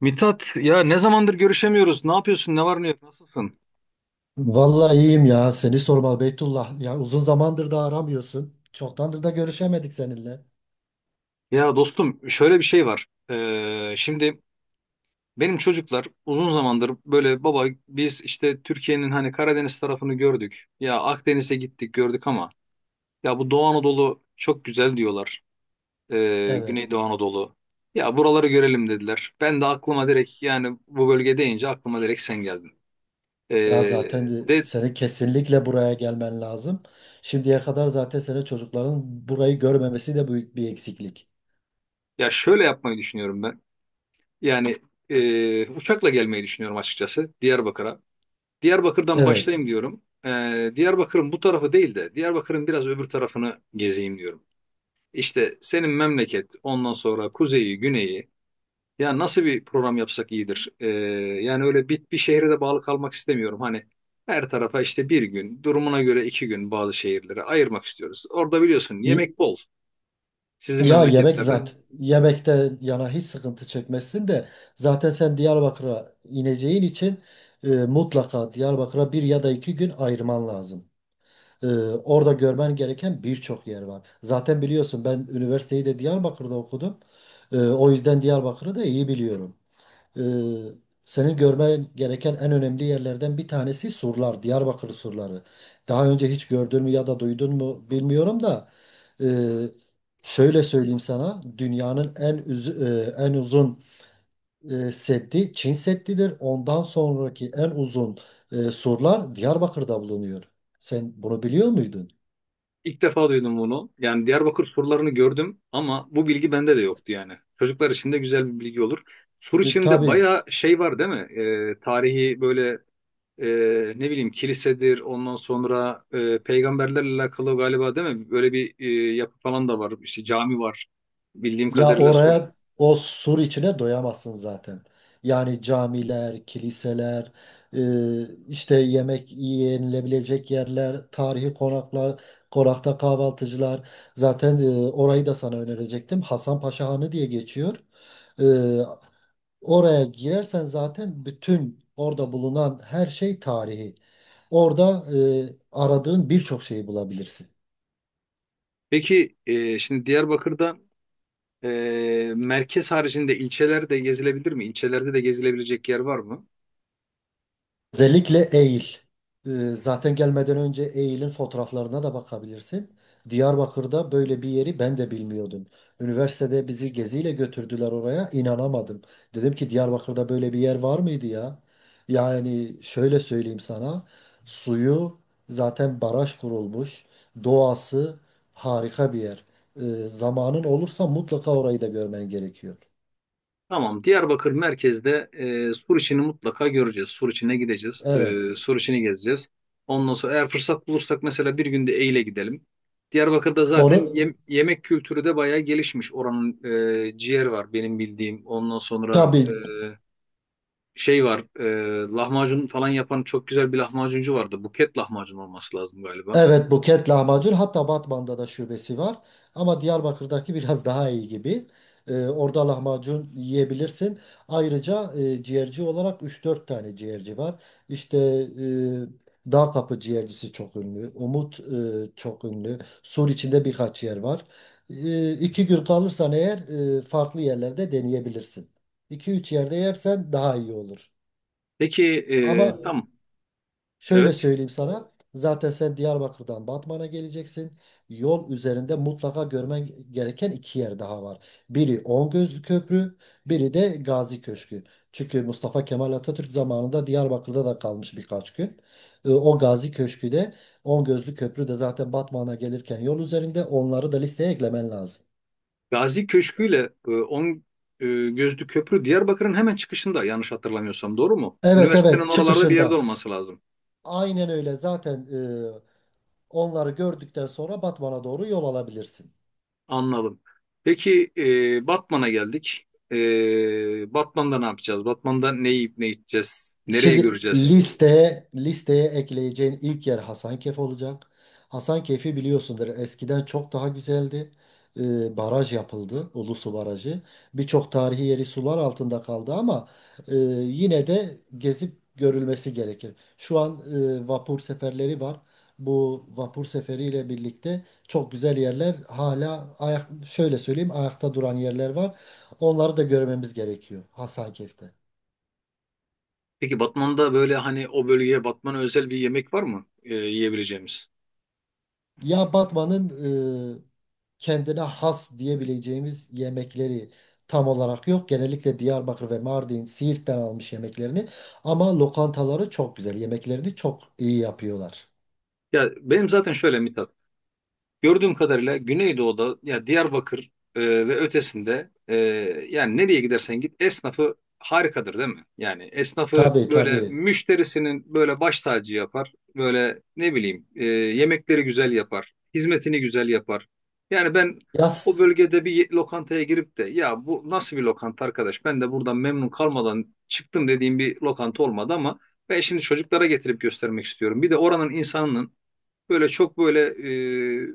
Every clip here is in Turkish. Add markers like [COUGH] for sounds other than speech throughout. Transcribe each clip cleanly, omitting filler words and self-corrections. Mithat ya ne zamandır görüşemiyoruz. Ne yapıyorsun? Ne var ne yok? Nasılsın? Vallahi iyiyim ya. Seni sormalı Beytullah. Ya uzun zamandır da aramıyorsun. Çoktandır da görüşemedik seninle. Ya dostum şöyle bir şey var. Şimdi benim çocuklar uzun zamandır böyle baba biz işte Türkiye'nin hani Karadeniz tarafını gördük. Ya Akdeniz'e gittik gördük ama ya bu Doğu Anadolu çok güzel diyorlar. Evet. Güneydoğu Anadolu. Ya buraları görelim dediler. Ben de aklıma direkt yani bu bölge deyince aklıma direkt sen geldin. Ee, Ya zaten de de seni kesinlikle buraya gelmen lazım. Şimdiye kadar zaten senin çocukların burayı görmemesi de büyük bir eksiklik. Ya şöyle yapmayı düşünüyorum ben. Yani uçakla gelmeyi düşünüyorum açıkçası Diyarbakır'a. Diyarbakır'dan Evet. başlayayım diyorum. E, Diyarbakır'ın bu tarafı değil de Diyarbakır'ın biraz öbür tarafını gezeyim diyorum. İşte senin memleket, ondan sonra kuzeyi, güneyi. Ya nasıl bir program yapsak iyidir. Yani öyle bir şehre de bağlı kalmak istemiyorum. Hani her tarafa işte bir gün, durumuna göre iki gün bazı şehirlere ayırmak istiyoruz. Orada biliyorsun Y- yemek bol sizin Ya yemek memleketlerde. zaten yemekte yana hiç sıkıntı çekmezsin de zaten sen Diyarbakır'a ineceğin için mutlaka Diyarbakır'a bir ya da 2 gün ayırman lazım. Orada görmen gereken birçok yer var. Zaten biliyorsun ben üniversiteyi de Diyarbakır'da okudum. O yüzden Diyarbakır'ı da iyi biliyorum. Ee, Senin görmen gereken en önemli yerlerden bir tanesi surlar, Diyarbakır surları. Daha önce hiç gördün mü ya da duydun mu bilmiyorum da ee, şöyle söyleyeyim sana, dünyanın en uzun seddi Çin Seddi'dir. Ondan sonraki en uzun surlar Diyarbakır'da bulunuyor. Sen bunu biliyor muydun? İlk defa duydum bunu. Yani Diyarbakır surlarını gördüm ama bu bilgi bende de yoktu yani. Çocuklar için de güzel bir bilgi olur. Sur içinde Tabii. bayağı şey var değil mi? Tarihi böyle e, ne bileyim kilisedir ondan sonra peygamberlerle alakalı galiba değil mi? Böyle bir yapı falan da var. İşte cami var bildiğim Ya kadarıyla Sur. oraya, o sur içine doyamazsın zaten. Yani camiler, kiliseler, işte yemek yenilebilecek yerler, tarihi konaklar, konakta kahvaltıcılar. Zaten orayı da sana önerecektim. Hasan Paşa Hanı diye geçiyor. E, Oraya girersen zaten bütün orada bulunan her şey tarihi. Orada aradığın birçok şeyi bulabilirsin. Peki şimdi Diyarbakır'da e, merkez haricinde ilçeler de gezilebilir mi? İlçelerde de gezilebilecek yer var mı? Özellikle Eğil. Ee, Zaten gelmeden önce Eğil'in fotoğraflarına da bakabilirsin. Diyarbakır'da böyle bir yeri ben de bilmiyordum. Üniversitede bizi geziyle götürdüler oraya. İnanamadım. Dedim ki Diyarbakır'da böyle bir yer var mıydı ya? Yani şöyle söyleyeyim sana. Suyu zaten baraj kurulmuş. Doğası harika bir yer. Zamanın olursa mutlaka orayı da görmen gerekiyor. Tamam. Diyarbakır merkezde sur içini mutlaka göreceğiz. Sur içine gideceğiz. Evet. E, sur içini gezeceğiz. Ondan sonra eğer fırsat bulursak mesela bir günde Eyle gidelim. Diyarbakır'da zaten Onu, yemek kültürü de bayağı gelişmiş. Oranın ciğer var benim bildiğim. Ondan sonra tabii. şey var. Lahmacun falan yapan çok güzel bir lahmacuncu vardı. Buket lahmacun olması lazım galiba. Evet, Buket lahmacun, hatta Batman'da da şubesi var ama Diyarbakır'daki biraz daha iyi gibi. Orada lahmacun yiyebilirsin. Ayrıca ciğerci olarak 3-4 tane ciğerci var. İşte Dağ Kapı ciğercisi çok ünlü. Umut çok ünlü. Sur içinde birkaç yer var. 2 gün kalırsan eğer farklı yerlerde deneyebilirsin. iki üç yerde yersen daha iyi olur. Peki Ama tamam. şöyle Evet. söyleyeyim sana. Zaten sen Diyarbakır'dan Batman'a geleceksin. Yol üzerinde mutlaka görmen gereken 2 yer daha var. Biri Ongözlü Köprü, biri de Gazi Köşkü. Çünkü Mustafa Kemal Atatürk zamanında Diyarbakır'da da kalmış birkaç gün. O Gazi Köşkü de Ongözlü Köprü de zaten Batman'a gelirken yol üzerinde onları da listeye eklemen lazım. Gazi Köşkü ile e, Gözlü Köprü Diyarbakır'ın hemen çıkışında yanlış hatırlamıyorsam doğru mu? Evet, Üniversitenin evet, oralarda bir yerde çıkışında. olması lazım. Aynen öyle. Zaten onları gördükten sonra Batman'a doğru yol alabilirsin. Anladım. Peki Batman'a geldik. E, Batman'da ne yapacağız? Batman'da ne yiyip ne içeceğiz? Nereyi Şimdi göreceğiz? listeye ekleyeceğin ilk yer Hasankeyf olacak. Hasankeyf'i biliyorsundur. Eskiden çok daha güzeldi. Baraj yapıldı, Ulusu Barajı. Birçok tarihi yeri sular altında kaldı ama e, yine de gezip görülmesi gerekir. Şu an vapur seferleri var. Bu vapur seferiyle birlikte çok güzel yerler şöyle söyleyeyim, ayakta duran yerler var. Onları da görmemiz gerekiyor Hasankeyf'te. Peki Batman'da böyle hani o bölgeye Batman'a özel bir yemek var mı yiyebileceğimiz? Ya Batman'ın kendine has diyebileceğimiz yemekleri tam olarak yok. Genellikle Diyarbakır ve Mardin, Siirt'ten almış yemeklerini. Ama lokantaları çok güzel. Yemeklerini çok iyi yapıyorlar. Ya benim zaten şöyle Mithat. Gördüğüm kadarıyla Güneydoğu'da ya Diyarbakır ve ötesinde yani nereye gidersen git esnafı harikadır değil mi? Yani esnafı Tabii, böyle tabii. müşterisinin böyle baş tacı yapar. Böyle ne bileyim yemekleri güzel yapar. Hizmetini güzel yapar. Yani ben o Yaz. bölgede bir lokantaya girip de ya bu nasıl bir lokanta arkadaş ben de buradan memnun kalmadan çıktım dediğim bir lokanta olmadı ama ben şimdi çocuklara getirip göstermek istiyorum. Bir de oranın insanının böyle çok böyle e,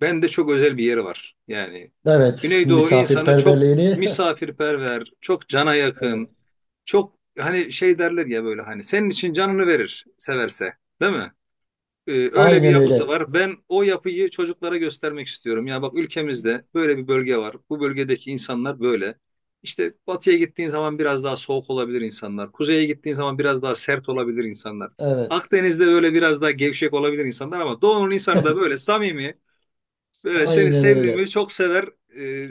bende çok özel bir yeri var. Yani Evet. Güneydoğu insanı çok Misafirperverliğini. [LAUGHS] misafirperver, çok cana Evet. yakın, çok hani şey derler ya böyle hani senin için canını verir severse, değil mi? Öyle bir Aynen yapısı öyle. var. Ben o yapıyı çocuklara göstermek istiyorum. Ya bak ülkemizde böyle bir bölge var. Bu bölgedeki insanlar böyle. İşte batıya gittiğin zaman biraz daha soğuk olabilir insanlar. Kuzeye gittiğin zaman biraz daha sert olabilir insanlar. Evet. Akdeniz'de böyle biraz daha gevşek olabilir insanlar ama doğunun insanı da böyle samimi, böyle seni Aynen öyle. sevdiğimi çok sever e,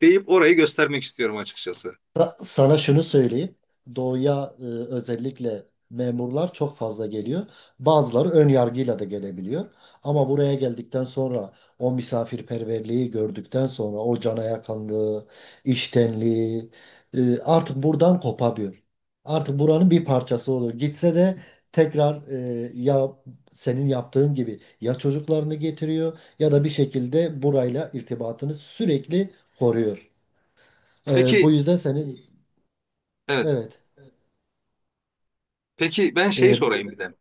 deyip orayı göstermek istiyorum açıkçası. Sana şunu söyleyeyim. Doğuya özellikle memurlar çok fazla geliyor. Bazıları ön yargıyla da gelebiliyor. Ama buraya geldikten sonra o misafirperverliği gördükten sonra o cana yakınlığı, iştenliği artık buradan kopamıyor. Artık buranın bir parçası olur. Gitse de tekrar ya senin yaptığın gibi ya çocuklarını getiriyor ya da bir şekilde burayla irtibatını sürekli koruyor. Bu Peki, yüzden senin. evet. Evet. Peki ben şey Ee, sorayım bir de.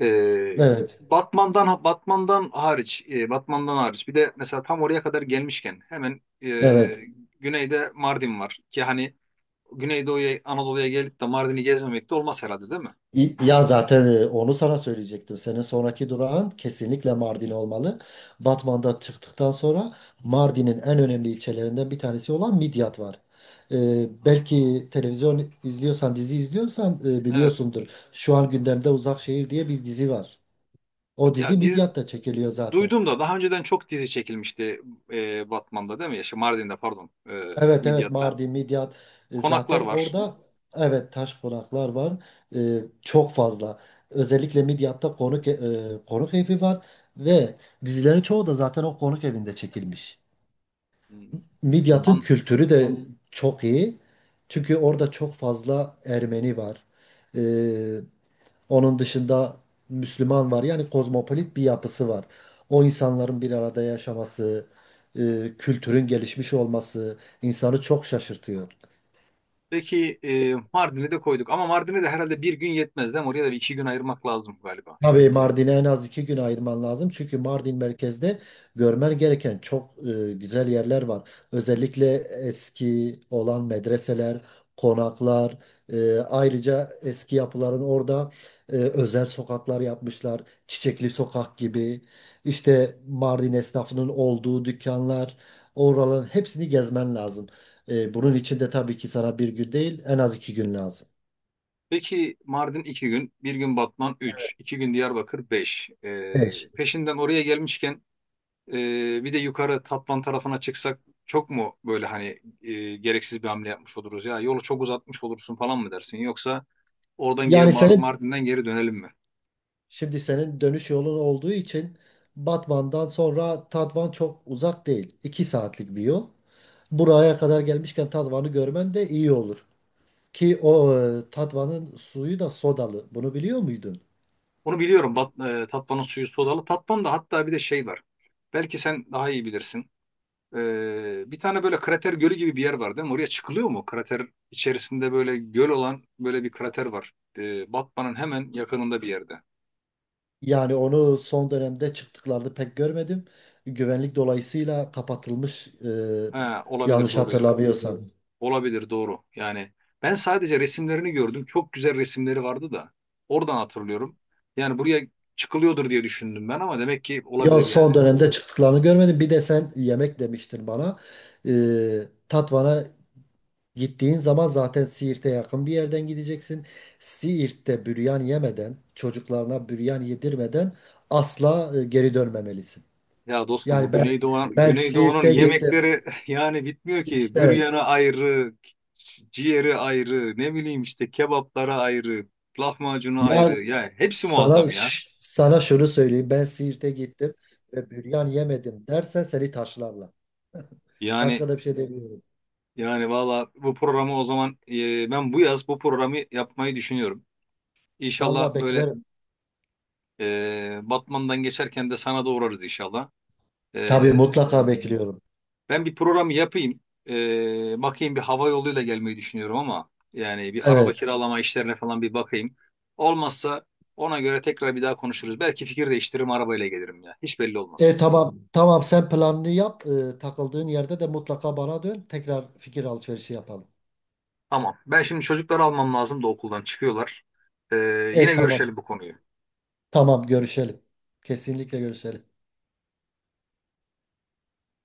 Ee, evet. Batman'dan hariç, Batman'dan hariç bir de mesela tam oraya kadar gelmişken hemen Evet. güneyde Mardin var ki hani Güneydoğu'ya Anadolu'ya gelip de Mardin'i gezmemek de olmaz herhalde değil mi? Ya zaten onu sana söyleyecektim. Senin sonraki durağın kesinlikle Mardin olmalı. Batman'dan çıktıktan sonra Mardin'in en önemli ilçelerinden bir tanesi olan Midyat var. Belki televizyon izliyorsan, dizi izliyorsan Evet. biliyorsundur. Şu an gündemde Uzak Şehir diye bir dizi var. O dizi Ya dizi, Midyat'ta çekiliyor zaten. duydum da daha önceden çok dizi çekilmişti Batman'da değil mi? Ya, şey, Mardin'de pardon, Evet, evet, Midyat'ta. Mardin, Midyat. Konaklar Zaten var. orada, evet, taş konaklar var. Çok fazla. Özellikle Midyat'ta konuk evi var ve dizilerin çoğu da zaten o konuk evinde çekilmiş. Hmm. Midyat'ın An- kültürü de çok iyi. Çünkü orada çok fazla Ermeni var. E, Onun dışında Müslüman var. Yani kozmopolit bir yapısı var. O insanların bir arada yaşaması, kültürün gelişmiş olması insanı çok şaşırtıyor. Peki Mardin'i de koyduk ama Mardin'e de herhalde bir gün yetmez değil mi? Oraya da bir iki gün ayırmak lazım galiba. Tabii Mardin'e en az 2 gün ayırman lazım. Çünkü Mardin merkezde görmen gereken çok güzel yerler var. Özellikle eski olan medreseler, konaklar, ayrıca eski yapıların orada özel sokaklar yapmışlar. Çiçekli sokak gibi. İşte Mardin esnafının olduğu dükkanlar, oraların hepsini gezmen lazım. Bunun için de tabii ki sana bir gün değil, en az 2 gün lazım. Peki Mardin iki gün, bir gün Batman 3, 2 gün Diyarbakır 5. 5. Peşinden oraya gelmişken e, bir de yukarı Tatvan tarafına çıksak çok mu böyle hani gereksiz bir hamle yapmış oluruz ya yolu çok uzatmış olursun falan mı dersin yoksa oradan geri Yani senin Mardin'den geri dönelim mi? Şimdi senin dönüş yolun olduğu için Batman'dan sonra Tatvan çok uzak değil. 2 saatlik bir yol. Buraya kadar gelmişken Tatvan'ı görmen de iyi olur. Ki o Tatvan'ın suyu da sodalı. Bunu biliyor muydun? Onu biliyorum Tatvan'ın suyu sodalı. Tatvan'da hatta bir de şey var. Belki sen daha iyi bilirsin. Bir tane böyle krater gölü gibi bir yer var değil mi? Oraya çıkılıyor mu? Krater içerisinde böyle göl olan böyle bir krater var. Batman'ın hemen yakınında bir yerde. Yani onu son dönemde çıktıklarını pek görmedim. Güvenlik dolayısıyla kapatılmış Ha, olabilir yanlış doğru ya. hatırlamıyorsam. Anladım. Olabilir doğru. Yani ben sadece resimlerini gördüm. Çok güzel resimleri vardı da. Oradan hatırlıyorum. Yani buraya çıkılıyordur diye düşündüm ben ama demek ki Yo, olabilir yani. son dönemde çıktıklarını görmedim. Bir de sen yemek demiştin bana. Tatvan'a gittiğin zaman zaten Siirt'e yakın bir yerden gideceksin. Siirt'te büryan yemeden, çocuklarına büryan yedirmeden asla geri dönmemelisin. Ya dostum bu Yani ben Güneydoğu, ben Güneydoğu'nun Siirt'e gittim. yemekleri [LAUGHS] yani bitmiyor ki. İşte Büryanı ayrı, ciğeri ayrı, ne bileyim işte kebaplara ayrı, lahmacunu ayrı. ya Ya hepsi muazzam ya. Sana şunu söyleyeyim. Ben Siirt'e gittim ve büryan yemedim dersen seni taşlarlar. Yani Başka da bir şey demiyorum. yani valla bu programı o zaman ben bu yaz bu programı yapmayı düşünüyorum. İnşallah Vallahi böyle beklerim. Batman'dan geçerken de sana da uğrarız inşallah. Tabii, E, mutlaka bekliyorum. Ben bir programı yapayım. Bakayım, bir hava yoluyla gelmeyi düşünüyorum ama yani bir araba Evet. kiralama işlerine falan bir bakayım. Olmazsa ona göre tekrar bir daha konuşuruz. Belki fikir değiştiririm arabayla gelirim ya. Hiç belli olmaz. Tamam, tamam, sen planını yap. Takıldığın yerde de mutlaka bana dön. Tekrar fikir alışverişi yapalım. Tamam. Ben şimdi çocukları almam lazım da okuldan çıkıyorlar. Ee, Yine Tamam. görüşelim bu konuyu. Tamam, görüşelim. Kesinlikle görüşelim.